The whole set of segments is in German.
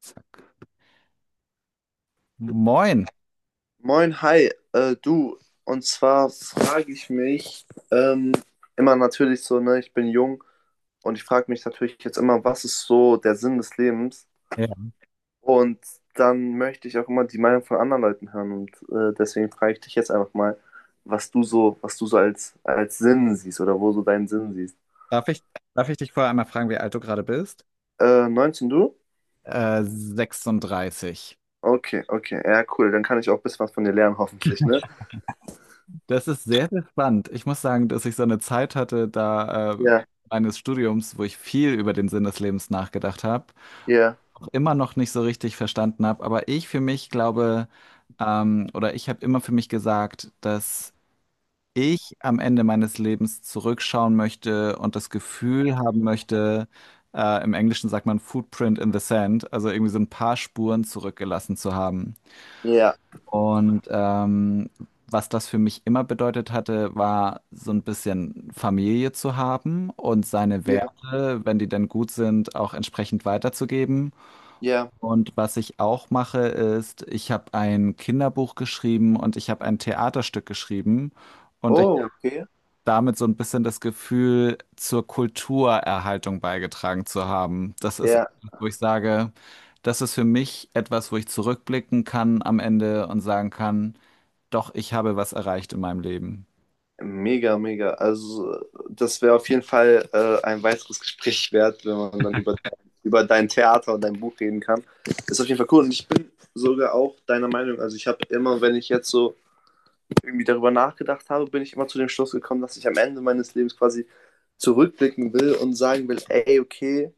Zack. Moin. Moin, hi, du. Und zwar frage ich mich ähm, immer natürlich so, ne, ich bin jung und ich frage mich natürlich jetzt immer, was ist so der Sinn des Lebens? Ja. Und dann möchte ich auch immer die Meinung von anderen Leuten hören und deswegen frage ich dich jetzt einfach mal, was du so als Sinn siehst oder wo so deinen Sinn siehst. Darf ich, darf ich dich vorher einmal fragen, wie alt du gerade bist? 19 du? 36. Okay, okay, ja, cool. Dann kann ich auch ein bisschen was von dir lernen, hoffentlich, ne? Das ist sehr, sehr spannend. Ich muss sagen, dass ich so eine Zeit hatte, da Ja, meines Studiums, wo ich viel über den Sinn des Lebens nachgedacht habe, ja, auch immer noch nicht so richtig verstanden habe. Aber ich für mich glaube, oder ich habe immer für mich gesagt, dass ich am Ende meines Lebens zurückschauen möchte und das Gefühl haben möchte, im Englischen sagt man Footprint in the Sand, also irgendwie so ein paar Spuren zurückgelassen zu haben. ja, Und was das für mich immer bedeutet hatte, war so ein bisschen Familie zu haben und seine ja, Werte, wenn die denn gut sind, auch entsprechend weiterzugeben. ja. Und was ich auch mache, ist, ich habe ein Kinderbuch geschrieben und ich habe ein Theaterstück geschrieben. Und Oh, okay. damit so ein bisschen das Gefühl zur Kulturerhaltung beigetragen zu haben. Das ist Ja. etwas, wo ich sage, das ist für mich etwas, wo ich zurückblicken kann am Ende und sagen kann, doch, ich habe was erreicht in meinem Leben. Mega, mega. Also, das wäre auf jeden Fall ein weiteres Gespräch wert, wenn man dann über dein Theater und dein Buch reden kann. Ist auf jeden Fall cool. Und ich bin sogar auch deiner Meinung. Also, ich habe immer, wenn ich jetzt so irgendwie darüber nachgedacht habe, bin ich immer zu dem Schluss gekommen, dass ich am Ende meines Lebens quasi zurückblicken will und sagen will: Ey, okay,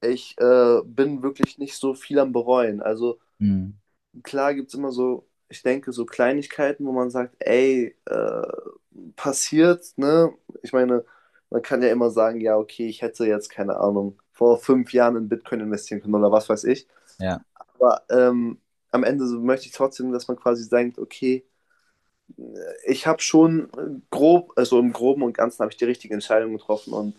ich bin wirklich nicht so viel am Bereuen. Also, Mhm. klar gibt es immer so, ich denke, so Kleinigkeiten, wo man sagt, ey, passiert, ne? Ich meine, man kann ja immer sagen, ja, okay, ich hätte jetzt, keine Ahnung, vor fünf Jahren in Bitcoin investieren können oder was weiß ich. Ja. Aber am Ende so möchte ich trotzdem, dass man quasi denkt, okay, ich habe schon grob, also im Groben und Ganzen habe ich die richtige Entscheidung getroffen und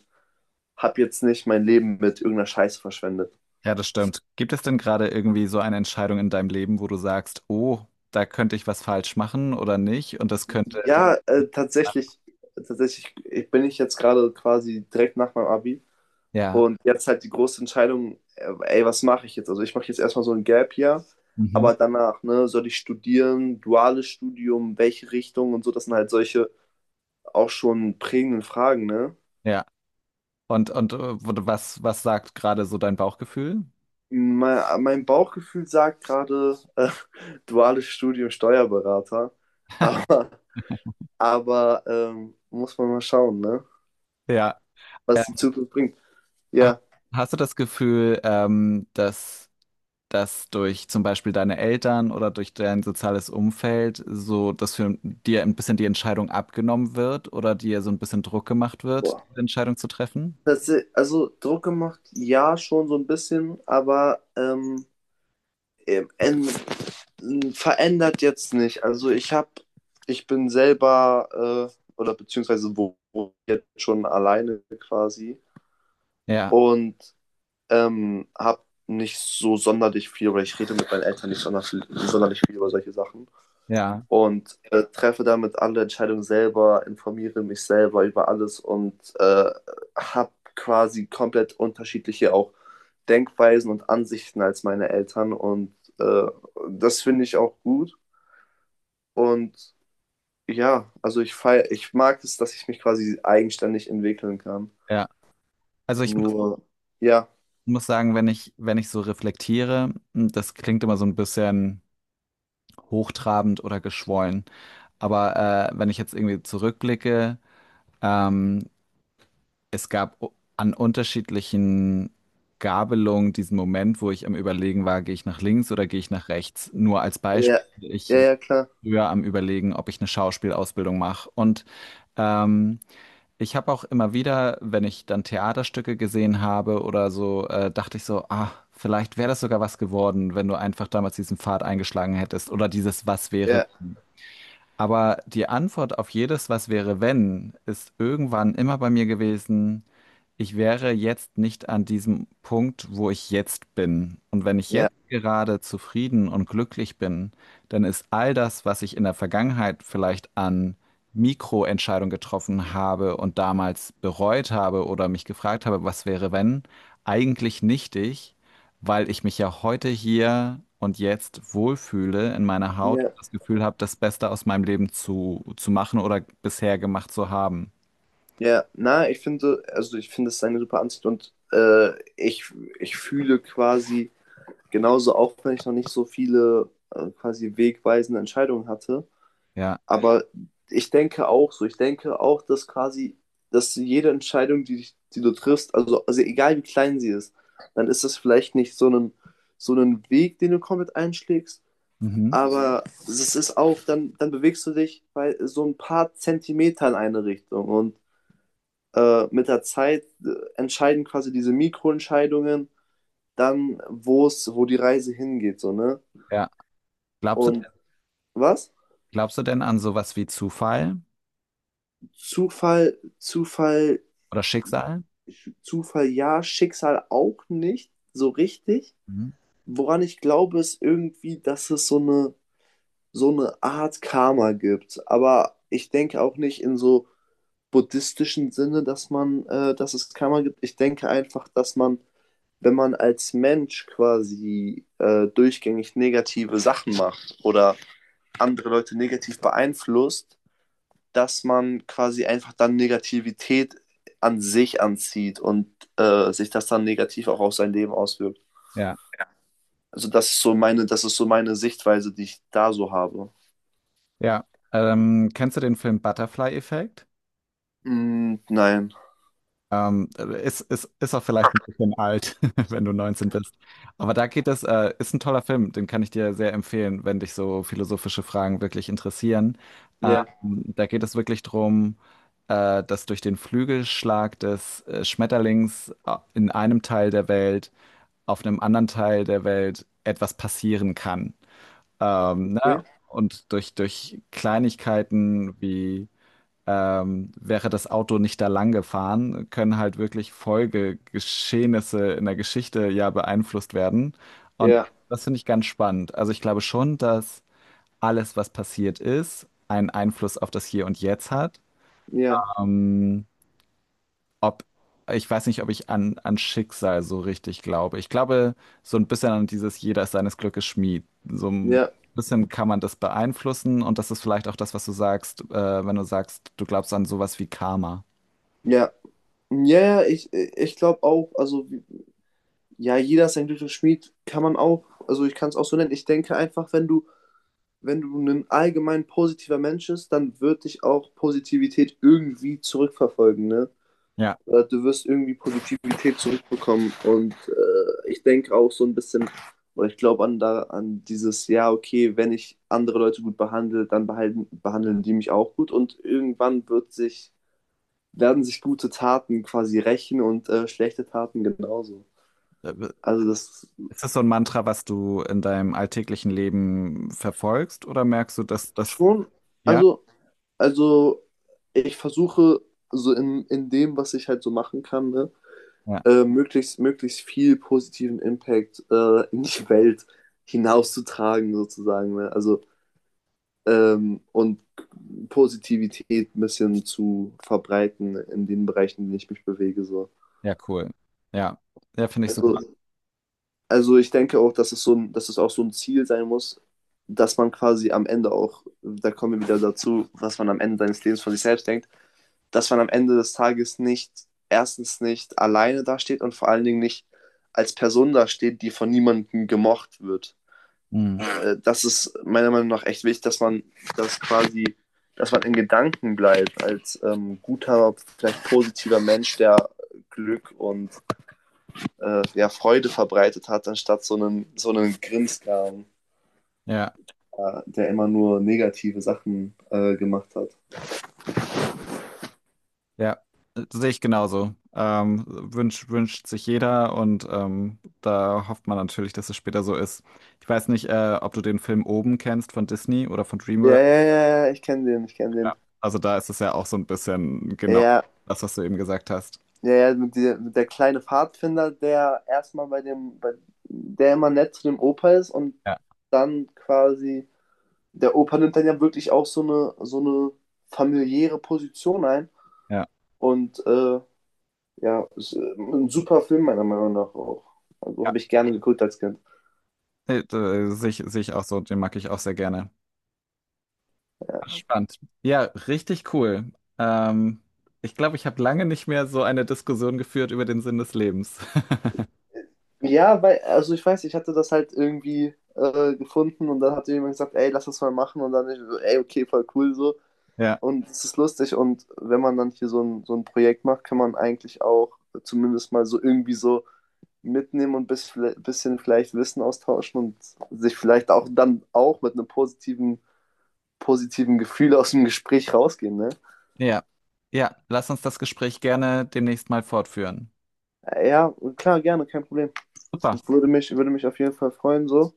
habe jetzt nicht mein Leben mit irgendeiner Scheiße verschwendet. Ja, das stimmt. Gibt es denn gerade irgendwie so eine Entscheidung in deinem Leben, wo du sagst, oh, da könnte ich was falsch machen oder nicht? Und das könnte die... Ja, tatsächlich bin ich jetzt gerade quasi direkt nach meinem Abi Ja, und jetzt halt die große Entscheidung, ey, was mache ich jetzt? Also ich mache jetzt erstmal so ein Gap Year, Mhm. aber danach, ne, soll ich studieren, duales Studium, welche Richtung und so, das sind halt solche auch schon prägenden Fragen, ne? ja. Und, wo was, was sagt gerade so dein Bauchgefühl? Mein Bauchgefühl sagt gerade duales Studium Steuerberater, aber, aber muss man mal schauen, ne? Ja. Was die Zukunft bringt. Ha- Ja. Hast du das Gefühl, dass das durch zum Beispiel deine Eltern oder durch dein soziales Umfeld so, dass für dir ein bisschen die Entscheidung abgenommen wird oder dir so ein bisschen Druck gemacht wird, diese Entscheidung zu treffen? Also Druck gemacht, ja, schon so ein bisschen, aber ähm, en- verändert jetzt nicht. Ich bin selber oder beziehungsweise wo jetzt schon alleine quasi Ja, und habe nicht so sonderlich viel oder ich rede mit meinen Eltern nicht sonderlich viel über solche Sachen ja, und treffe damit alle Entscheidungen selber, informiere mich selber über alles und habe quasi komplett unterschiedliche auch Denkweisen und Ansichten als meine Eltern und das finde ich auch gut und ja, also ich feier, ich mag es, dass ich mich quasi eigenständig entwickeln kann. ja. Also Nur, ja, muss sagen, wenn ich so reflektiere, das klingt immer so ein bisschen hochtrabend oder geschwollen. Aber wenn ich jetzt irgendwie zurückblicke, ähm, es gab an unterschiedlichen Gabelungen diesen Moment, wo ich am Überlegen war, gehe ich nach links oder gehe ich nach rechts. Nur als ja, Beispiel, ja, ich war ja, klar, früher am Überlegen, ob ich eine Schauspielausbildung mache. Und ähm, ich habe auch immer wieder, wenn ich dann Theaterstücke gesehen habe oder so, dachte ich so, ah, vielleicht wäre das sogar was geworden, wenn du einfach damals diesen Pfad eingeschlagen hättest oder dieses Was wäre. ja, Aber die Antwort auf jedes Was wäre wenn ist irgendwann immer bei mir gewesen, ich wäre jetzt nicht an diesem Punkt, wo ich jetzt bin. Und wenn ich ja, jetzt gerade zufrieden und glücklich bin, dann ist all das, was ich in der Vergangenheit vielleicht an Mikroentscheidungen getroffen habe und damals bereut habe oder mich gefragt habe, was wäre wenn, eigentlich nichtig, weil ich mich ja heute hier und jetzt wohlfühle in meiner Haut und ja, das Gefühl habe, das Beste aus meinem Leben zu machen oder bisher gemacht zu haben. ja. Na, ich finde, also ich finde es eine super Ansicht und ich fühle quasi genauso, auch wenn ich noch nicht so viele quasi wegweisende Entscheidungen hatte. Ja. Aber ich denke auch so, ich denke auch, dass jede Entscheidung, die du triffst, also egal wie klein sie ist, dann ist das vielleicht nicht so ein, so ein Weg, den du komplett einschlägst, Mhm. aber es ist auch, dann bewegst du dich bei so ein paar Zentimeter in eine Richtung und mit der Zeit entscheiden quasi diese Mikroentscheidungen dann, wo die Reise hingeht, so, ne? Ja. Glaubst du, Und was? glaubst du denn an sowas wie Zufall Zufall? oder Schicksal? Zufall ja, Schicksal auch nicht so richtig. Mhm. Woran ich glaube, ist irgendwie, dass es so eine Art Karma gibt. Aber ich denke auch nicht in so buddhistischen Sinne, dass es Karma gibt. Ich denke einfach, wenn man als Mensch quasi durchgängig negative Sachen macht oder andere Leute negativ beeinflusst, dass man quasi einfach dann Negativität an sich anzieht und sich das dann negativ auch auf sein Leben auswirkt. Ja. Das ist so meine Sichtweise, die ich da so habe. Ja. Kennst du den Film Butterfly-Effekt? Mm, nein. Ähm, ist auch vielleicht ein bisschen alt, wenn du 19 bist. Aber da geht es, ist ein toller Film, den kann ich dir sehr empfehlen, wenn dich so philosophische Fragen wirklich interessieren. Ja, Da geht es wirklich drum, dass durch den Flügelschlag des Schmetterlings in einem Teil der Welt, auf einem anderen Teil der Welt etwas passieren kann. Ne? okay. Und durch Kleinigkeiten wie wäre das Auto nicht da lang gefahren, können halt wirklich Folgegeschehnisse in der Geschichte ja beeinflusst werden. Und Ja, das finde ich ganz spannend. Also ich glaube schon, dass alles, was passiert ist, einen Einfluss auf das Hier und Jetzt hat. ja, Ähm, ob, ich weiß nicht, ob ich an Schicksal so richtig glaube. Ich glaube so ein bisschen an dieses Jeder ist seines Glückes Schmied. So ein ja, ja. bisschen kann man das beeinflussen und das ist vielleicht auch das, was du sagst, wenn du sagst, du glaubst an sowas wie Karma. Ja, ja, ich glaube auch, also ja, jeder ist ein glücklicher Schmied, kann man auch, also ich kann es auch so nennen. Ich denke einfach, wenn du ein allgemein positiver Mensch bist, dann wird dich auch Positivität irgendwie zurückverfolgen, ne? Ja. Du wirst irgendwie Positivität zurückbekommen. Und ich denke auch so ein bisschen, oder ich glaube an dieses, ja, okay, wenn ich andere Leute gut behandle, behandeln die mich auch gut. Und irgendwann wird werden sich gute Taten quasi rächen und schlechte Taten genauso. Also das Ist das so ein Mantra, was du in deinem alltäglichen Leben verfolgst oder merkst du, dass das, schon, ja? also, also ich versuche so in dem, was ich halt so machen kann, ne, Ja, möglichst viel positiven Impact in die Welt hinauszutragen, sozusagen. Ne? Also, und Positivität ein bisschen zu verbreiten in den Bereichen, in denen ich mich bewege. So. ja, cool. Ja, ja, finde ich super. Also, also ich denke auch, dass es auch so ein Ziel sein muss, dass man quasi am Ende auch, da kommen wir wieder dazu, was man am Ende seines Lebens von sich selbst denkt, dass man am Ende des Tages nicht, erstens nicht alleine dasteht und vor allen Dingen nicht als Person dasteht, die von niemandem gemocht wird. Mhm. Das ist meiner Meinung nach echt wichtig, das quasi, dass man in Gedanken bleibt als guter, vielleicht positiver Mensch, der Glück und ja, Freude verbreitet hat, anstatt so einen Grinskram, Ja, der immer nur negative Sachen gemacht hat. ja, das sehe ich genauso. Wünscht sich jeder und da hofft man natürlich, dass es später so ist. Ich weiß nicht, ob du den Film Oben kennst von Disney oder von Ja, DreamWorks. ja, ja, ja, ich kenne Ja. den. Also da ist es ja auch so ein bisschen genau Ja, das, was du eben gesagt hast. ja, ja, mit der kleine Pfadfinder, der erstmal bei dem, bei, der immer nett zu dem Opa ist und Ja, dann quasi, der Opa nimmt dann ja wirklich auch so eine familiäre Position ein ja, und ja, ist ein super Film meiner Meinung nach auch. Also ja. habe ich gerne geguckt als Kind. Nee, da sehe ich, sehe ich auch so, den mag ich auch sehr gerne. Ach, Ja. spannend. Ja, richtig cool. Ähm, ich glaube, ich habe lange nicht mehr so eine Diskussion geführt über den Sinn des Lebens. Ja, weil, also ich weiß, ich hatte das halt irgendwie gefunden und dann hat jemand gesagt, ey, lass das mal machen und dann ich so, ey, okay, voll cool so. Ja, Und es ist lustig und wenn man dann hier so ein Projekt macht, kann man eigentlich auch zumindest mal so irgendwie so mitnehmen und ein bisschen vielleicht Wissen austauschen und sich vielleicht auch dann auch mit einem positiven Gefühl aus dem Gespräch rausgehen, ne? ja, ja. Lass uns das Gespräch gerne demnächst mal fortführen. Ja, klar, gerne, kein Problem. Super, Würde mich auf jeden Fall freuen, so.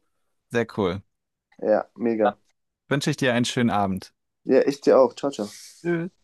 sehr cool. Ja, Dann mega. wünsche ich dir einen schönen Abend. Ja, ich dir auch. Ciao, ciao. Tschüss.